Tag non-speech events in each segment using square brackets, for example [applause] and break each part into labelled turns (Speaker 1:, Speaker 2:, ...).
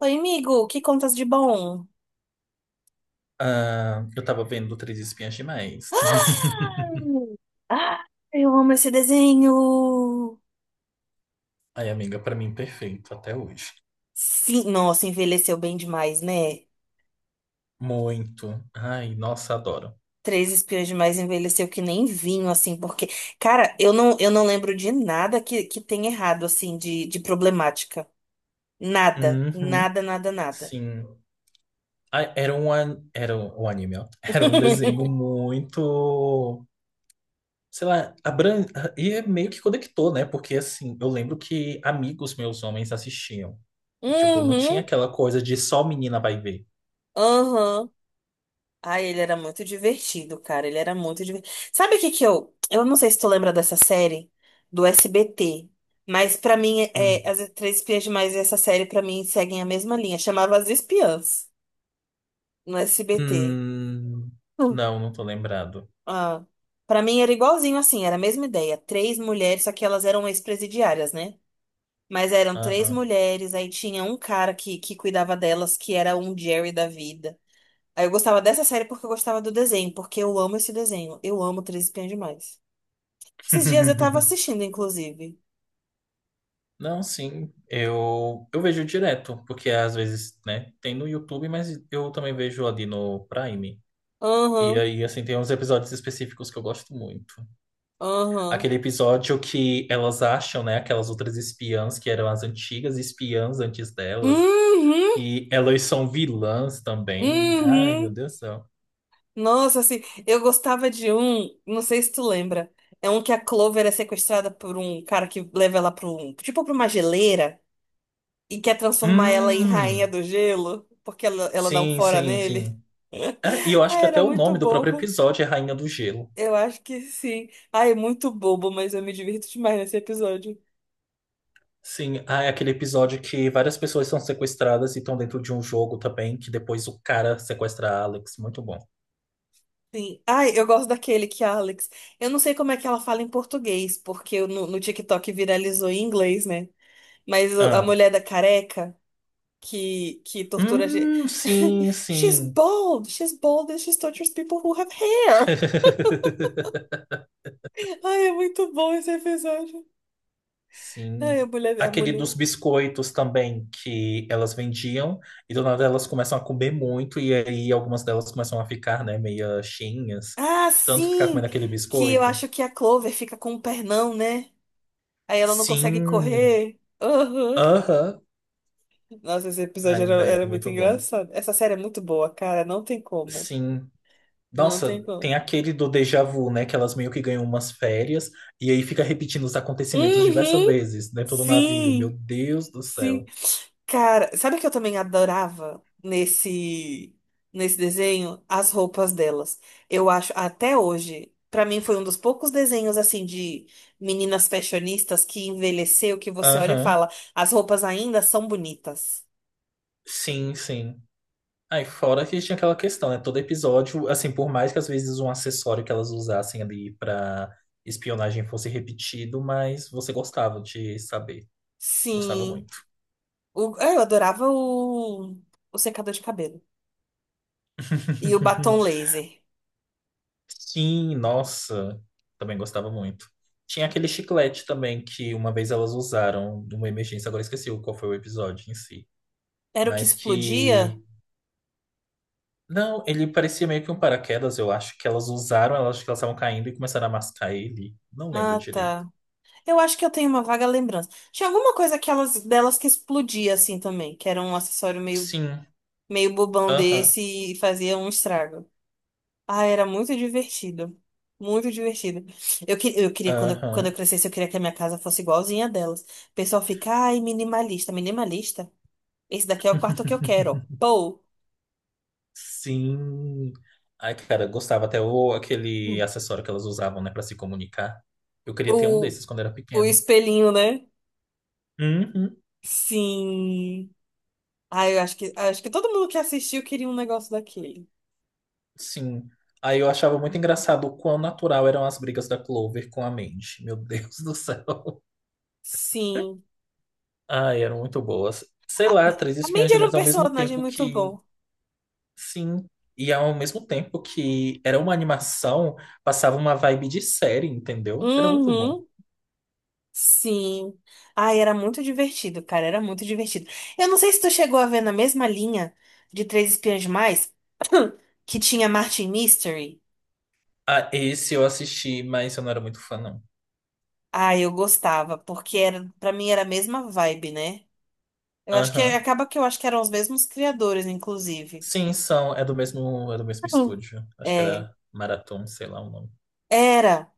Speaker 1: Oi, amigo, que contas de bom?
Speaker 2: Ah, eu tava vendo Três Espinhas Demais. [laughs]
Speaker 1: Ah, eu amo esse desenho.
Speaker 2: Ai, amiga, pra mim perfeito até hoje.
Speaker 1: Sim, nossa, envelheceu bem demais, né?
Speaker 2: Muito. Ai, nossa, adoro.
Speaker 1: Três Espiões Demais envelheceu que nem vinho, assim, porque, cara, eu não lembro de nada que tem errado, assim, de problemática. Nada,
Speaker 2: Uhum,
Speaker 1: nada, nada, nada.
Speaker 2: sim. Ai, era um anime, ó. [laughs] Era um desenho
Speaker 1: [laughs]
Speaker 2: muito, sei lá, e é meio que conectou, né? Porque assim, eu lembro que amigos meus homens assistiam. Tipo, não tinha
Speaker 1: Uhum,
Speaker 2: aquela coisa de só menina vai ver.
Speaker 1: aham. Ai, ele era muito divertido, cara. Ele era muito divertido. Sabe o que que eu. Eu não sei se tu lembra dessa série do SBT, mas pra mim,
Speaker 2: Hum.
Speaker 1: é, As Três Espiãs Demais e essa série, pra mim, seguem a mesma linha. Chamava As Espiãs no SBT.
Speaker 2: Hum,
Speaker 1: Hum.
Speaker 2: não, não tô lembrado.
Speaker 1: Ah, para mim era igualzinho assim, era a mesma ideia. Três mulheres, só que elas eram ex-presidiárias, né? Mas eram três
Speaker 2: Aham.
Speaker 1: mulheres, aí tinha um cara que cuidava delas, que era um Jerry da vida. Aí eu gostava dessa série porque eu gostava do desenho, porque eu amo esse desenho. Eu amo Três Espiãs Demais. Esses dias eu tava
Speaker 2: [laughs]
Speaker 1: assistindo, inclusive.
Speaker 2: Não, sim, eu vejo direto, porque às vezes, né, tem no YouTube, mas eu também vejo ali no Prime. E
Speaker 1: Aham,
Speaker 2: aí, assim, tem uns episódios específicos que eu gosto muito.
Speaker 1: aham.
Speaker 2: Aquele episódio que elas acham, né, aquelas outras espiãs que eram as antigas espiãs antes delas,
Speaker 1: Uhum,
Speaker 2: e elas são vilãs também. Ai, meu
Speaker 1: uhum.
Speaker 2: Deus do céu.
Speaker 1: Nossa, assim, eu gostava de um, não sei se tu lembra. É um que a Clover é sequestrada por um cara que leva ela pra um, tipo pra uma geleira, e quer transformar ela em rainha
Speaker 2: Hum,
Speaker 1: do gelo, porque ela dá um
Speaker 2: sim,
Speaker 1: fora
Speaker 2: sim,
Speaker 1: nele.
Speaker 2: sim.
Speaker 1: [laughs]
Speaker 2: Ah, e eu acho que
Speaker 1: Ah, era
Speaker 2: até o
Speaker 1: muito
Speaker 2: nome do próprio
Speaker 1: bobo.
Speaker 2: episódio é Rainha do Gelo.
Speaker 1: Eu acho que sim. Ah, é muito bobo, mas eu me divirto demais nesse episódio.
Speaker 2: Sim, ah, é aquele episódio que várias pessoas são sequestradas e estão dentro de um jogo também, que depois o cara sequestra a Alex. Muito bom.
Speaker 1: Sim. Ai, eu gosto daquele que a Alex. Eu não sei como é que ela fala em português, porque no TikTok viralizou em inglês, né? Mas a
Speaker 2: Ah.
Speaker 1: mulher da careca que tortura a gente.
Speaker 2: Sim,
Speaker 1: [laughs] She's
Speaker 2: sim.
Speaker 1: bald! She's bald and she tortures people who have hair!
Speaker 2: [laughs]
Speaker 1: Ai, é muito bom esse episódio. Ai,
Speaker 2: Sim.
Speaker 1: a mulher, a
Speaker 2: Aquele
Speaker 1: mulher.
Speaker 2: dos biscoitos também, que elas vendiam, e do nada elas começam a comer muito, e aí algumas delas começam a ficar, né, meio cheinhas,
Speaker 1: Ah,
Speaker 2: de tanto ficar
Speaker 1: sim!
Speaker 2: comendo aquele
Speaker 1: Que eu
Speaker 2: biscoito.
Speaker 1: acho que a Clover fica com um pernão, né? Aí ela não consegue
Speaker 2: Sim.
Speaker 1: correr. Aham.
Speaker 2: Aham.
Speaker 1: Nossa, esse episódio
Speaker 2: Ai,
Speaker 1: era
Speaker 2: velho,
Speaker 1: muito
Speaker 2: muito bom.
Speaker 1: engraçado. Essa série é muito boa, cara. Não tem como.
Speaker 2: Sim.
Speaker 1: Não tem
Speaker 2: Nossa, tem
Speaker 1: como.
Speaker 2: aquele do déjà vu, né? Que elas meio que ganham umas férias e aí fica repetindo os acontecimentos diversas
Speaker 1: Uhum!
Speaker 2: vezes dentro do navio. Meu
Speaker 1: Sim!
Speaker 2: Deus do
Speaker 1: Sim!
Speaker 2: céu.
Speaker 1: Cara, sabe o que eu também adorava nesse desenho? As roupas delas. Eu acho, até hoje, pra mim foi um dos poucos desenhos assim de meninas fashionistas que envelheceu, que você olha e
Speaker 2: Aham.
Speaker 1: fala, as roupas ainda são bonitas.
Speaker 2: Sim, sim. Aí fora que tinha aquela questão, né? Todo episódio, assim, por mais que às vezes um acessório que elas usassem ali pra espionagem fosse repetido, mas você gostava de saber. Gostava
Speaker 1: Sim.
Speaker 2: muito.
Speaker 1: Eu adorava o secador de cabelo. E o batom
Speaker 2: [laughs]
Speaker 1: laser.
Speaker 2: Sim, nossa, também gostava muito. Tinha aquele chiclete também que uma vez elas usaram numa emergência, agora esqueci qual foi o episódio em si.
Speaker 1: Era o que
Speaker 2: Mas
Speaker 1: explodia?
Speaker 2: que. Não, ele parecia meio que um paraquedas, eu acho que elas usaram, elas acho que elas estavam caindo e começaram a mascar ele. Não lembro
Speaker 1: Ah,
Speaker 2: direito.
Speaker 1: tá. Eu acho que eu tenho uma vaga lembrança. Tinha alguma coisa que delas que explodia assim também, que era um acessório meio,
Speaker 2: Sim,
Speaker 1: meio bobão
Speaker 2: aham,
Speaker 1: desse e fazia um estrago. Ah, era muito divertido. Muito divertido. Eu queria, quando eu
Speaker 2: aham,
Speaker 1: crescesse, eu queria que a minha casa fosse igualzinha a delas. O pessoal fica, ai, minimalista, minimalista. Esse daqui é o quarto que eu quero. Pô,
Speaker 2: sim. Ai, cara, gostava até aquele acessório que elas usavam, né, pra se comunicar. Eu queria ter um
Speaker 1: o,
Speaker 2: desses quando era
Speaker 1: o
Speaker 2: pequeno.
Speaker 1: espelhinho, né?
Speaker 2: Uhum.
Speaker 1: Sim. Ah, eu acho que todo mundo que assistiu queria um negócio daquele.
Speaker 2: Sim. Aí eu achava muito engraçado o quão natural eram as brigas da Clover com a Mandy. Meu Deus do céu.
Speaker 1: Sim.
Speaker 2: Ai, eram muito boas. Sei
Speaker 1: A,
Speaker 2: lá, Três
Speaker 1: a
Speaker 2: Espiãs
Speaker 1: Mandy era um
Speaker 2: Demais ao mesmo
Speaker 1: personagem
Speaker 2: tempo
Speaker 1: muito
Speaker 2: que.
Speaker 1: bom.
Speaker 2: Sim. E ao mesmo tempo que era uma animação, passava uma vibe de série, entendeu? Era muito bom.
Speaker 1: Uhum. Sim. Ai, era muito divertido, cara. Era muito divertido. Eu não sei se tu chegou a ver na mesma linha de Três Espiãs Demais, que tinha Martin Mystery.
Speaker 2: Ah, esse eu assisti, mas eu não era muito fã, não.
Speaker 1: Ah, eu gostava, porque era, pra mim era a mesma vibe, né? Eu acho que
Speaker 2: Aham.
Speaker 1: acaba que eu acho que eram os mesmos criadores, inclusive.
Speaker 2: Sim, são. É do mesmo
Speaker 1: Hum.
Speaker 2: estúdio. Acho que
Speaker 1: É.
Speaker 2: era Marathon, sei lá o nome.
Speaker 1: Era.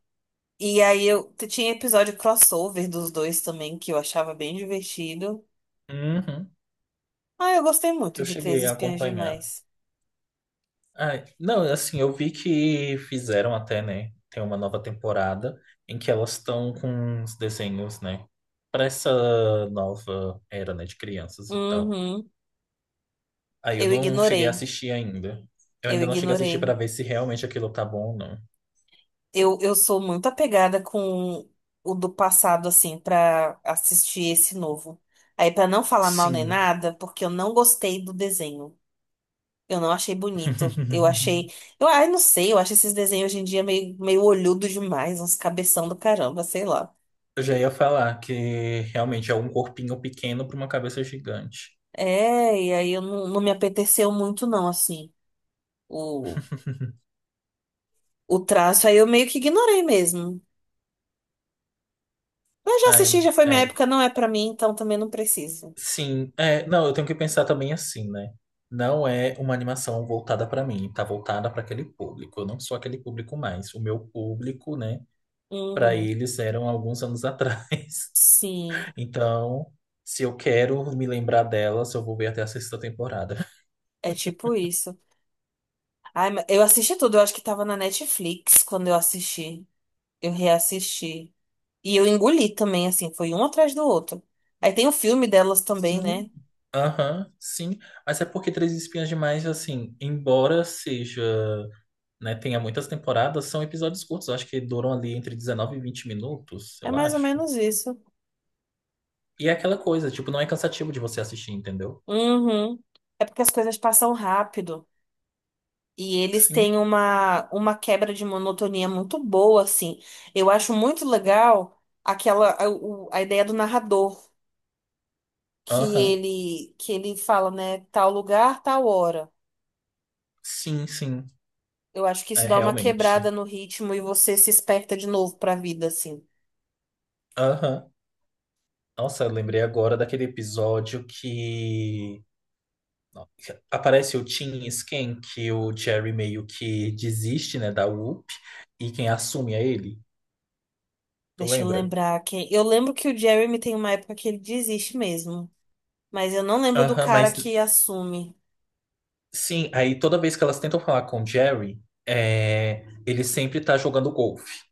Speaker 1: E aí tinha episódio crossover dos dois também, que eu achava bem divertido.
Speaker 2: Uhum.
Speaker 1: Ah, eu gostei muito
Speaker 2: Eu
Speaker 1: de Três
Speaker 2: cheguei a
Speaker 1: Espiãs
Speaker 2: acompanhar.
Speaker 1: Demais.
Speaker 2: Ai, não, assim, eu vi que fizeram até, né? Tem uma nova temporada em que elas estão com uns desenhos, né? Pra essa nova era, né? De crianças e tal.
Speaker 1: Uhum.
Speaker 2: Aí eu
Speaker 1: Eu
Speaker 2: não cheguei a
Speaker 1: ignorei.
Speaker 2: assistir ainda. Eu
Speaker 1: Eu
Speaker 2: ainda não cheguei a assistir pra
Speaker 1: ignorei.
Speaker 2: ver se realmente aquilo tá bom ou não.
Speaker 1: Eu sou muito apegada com o do passado, assim, pra assistir esse novo. Aí, pra não falar mal nem
Speaker 2: Sim.
Speaker 1: nada, porque eu não gostei do desenho. Eu não achei bonito. Eu
Speaker 2: [laughs]
Speaker 1: achei. Eu, ai, não sei, eu acho esses desenhos hoje em dia meio, meio olhudo demais, uns cabeção do caramba, sei lá.
Speaker 2: Eu já ia falar que realmente é um corpinho pequeno pra uma cabeça gigante.
Speaker 1: É, e aí eu não me apeteceu muito, não, assim, o,
Speaker 2: [laughs]
Speaker 1: o traço. Aí eu meio que ignorei mesmo. Eu já
Speaker 2: Ai,
Speaker 1: assisti, já foi minha
Speaker 2: é.
Speaker 1: época, não é pra mim, então também não preciso.
Speaker 2: Sim, é, não, eu tenho que pensar também assim, né? Não é uma animação voltada para mim, tá voltada para aquele público. Eu não sou aquele público mais. O meu público, né, para
Speaker 1: Uhum.
Speaker 2: eles eram alguns anos [laughs] atrás.
Speaker 1: Sim,
Speaker 2: Então, se eu quero me lembrar delas, eu vou ver até a sexta temporada.
Speaker 1: é tipo isso. Ai, mas eu assisti tudo, eu acho que tava na Netflix quando eu assisti. Eu reassisti. E eu engoli também, assim, foi um atrás do outro. Aí tem o filme delas também, né?
Speaker 2: Sim, aham, sim. Mas é porque Três Espinhas Demais, assim, embora seja, né, tenha muitas temporadas, são episódios curtos. Eu acho que duram ali entre 19 e 20 minutos,
Speaker 1: É
Speaker 2: eu
Speaker 1: mais ou
Speaker 2: acho.
Speaker 1: menos isso.
Speaker 2: E é aquela coisa, tipo, não é cansativo de você assistir, entendeu?
Speaker 1: Uhum. É porque as coisas passam rápido. E eles
Speaker 2: Sim,
Speaker 1: têm uma quebra de monotonia muito boa, assim. Eu acho muito legal a ideia do narrador, que
Speaker 2: aham,
Speaker 1: ele fala, né, tal lugar, tal hora.
Speaker 2: sim, sim,
Speaker 1: Eu acho que isso
Speaker 2: é
Speaker 1: dá uma quebrada
Speaker 2: realmente.
Speaker 1: no ritmo e você se esperta de novo pra vida, assim.
Speaker 2: Aham. Nossa, eu lembrei agora daquele episódio que aparece o Tim e Sken, que o Jerry meio que desiste, né, da Whoop, e quem assume é ele. Tu
Speaker 1: Deixa eu
Speaker 2: lembra?
Speaker 1: lembrar quem. Eu lembro que o Jeremy tem uma época que ele desiste mesmo. Mas eu não lembro do
Speaker 2: Aham,
Speaker 1: cara
Speaker 2: mas
Speaker 1: que assume.
Speaker 2: sim, aí toda vez que elas tentam falar com o Jerry, é, ele sempre tá jogando golfe.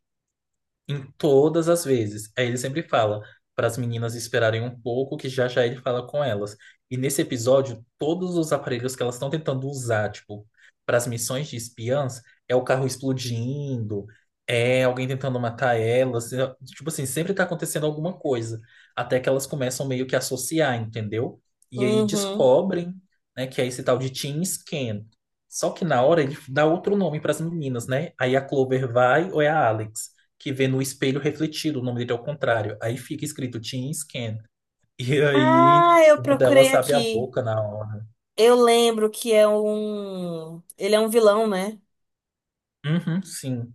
Speaker 2: Em todas as vezes. Aí ele sempre fala para as meninas esperarem um pouco, que já já ele fala com elas. E nesse episódio, todos os aparelhos que elas estão tentando usar, tipo, para as missões de espiãs, é o carro explodindo, é alguém tentando matar elas. Tipo assim, sempre tá acontecendo alguma coisa. Até que elas começam meio que a associar, entendeu? E aí
Speaker 1: Uhum.
Speaker 2: descobrem, né, que é esse tal de Team Scan. Só que na hora ele dá outro nome para as meninas, né? Aí a Clover vai ou é a Alex que vê no espelho refletido, o nome dele é o contrário. Aí fica escrito Teen Scan. [laughs] E aí
Speaker 1: Ah, eu
Speaker 2: uma
Speaker 1: procurei
Speaker 2: delas abre a
Speaker 1: aqui.
Speaker 2: boca na hora.
Speaker 1: Eu lembro que é um. Ele é um vilão, né?
Speaker 2: Uhum, sim.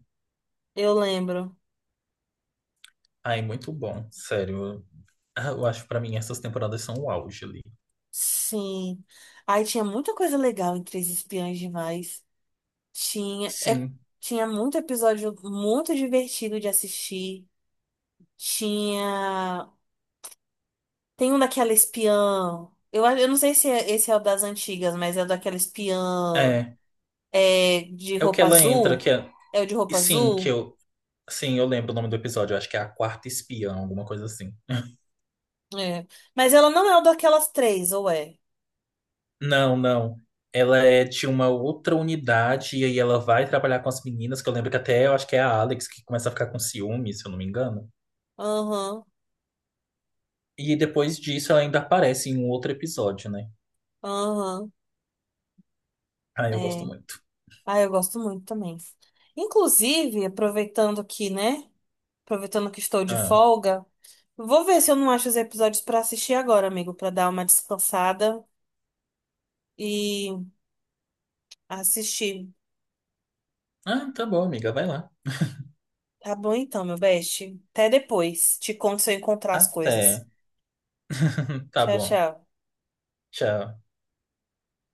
Speaker 1: Eu lembro.
Speaker 2: Ai, muito bom, sério. Ah, eu acho que pra mim essas temporadas são o auge ali.
Speaker 1: Sim. Ai, tinha muita coisa legal em Três Espiãs Demais. Tinha.
Speaker 2: Sim,
Speaker 1: Tinha muito episódio muito divertido de assistir. Tinha. Tem um daquela espiã. Eu não sei se esse é o das antigas, mas é o daquela espiã.
Speaker 2: é.
Speaker 1: É, de
Speaker 2: É o que
Speaker 1: roupa
Speaker 2: ela entra,
Speaker 1: azul.
Speaker 2: que é.
Speaker 1: É o de
Speaker 2: E
Speaker 1: roupa
Speaker 2: sim, que
Speaker 1: azul?
Speaker 2: eu. Sim, eu lembro o nome do episódio. Eu acho que é a quarta espiã, alguma coisa assim. [laughs]
Speaker 1: É. Mas ela não é o daquelas três, ou é?
Speaker 2: Não, não. Ela é de uma outra unidade e aí ela vai trabalhar com as meninas, que eu lembro que até eu acho que é a Alex que começa a ficar com ciúme, se eu não me engano.
Speaker 1: Aham,
Speaker 2: E depois disso ela ainda aparece em um outro episódio, né?
Speaker 1: aham.
Speaker 2: Ah, eu gosto
Speaker 1: É.
Speaker 2: muito.
Speaker 1: Ah, eu gosto muito também. Inclusive, aproveitando que, né? Aproveitando que estou de
Speaker 2: Ah,
Speaker 1: folga, vou ver se eu não acho os episódios pra assistir agora, amigo, pra dar uma descansada e assistir.
Speaker 2: ah tá bom, amiga, vai lá.
Speaker 1: Tá bom então, meu best. Até depois. Te conto se eu encontrar as coisas.
Speaker 2: Até. [laughs] Tá
Speaker 1: Tchau,
Speaker 2: bom.
Speaker 1: tchau.
Speaker 2: Tchau.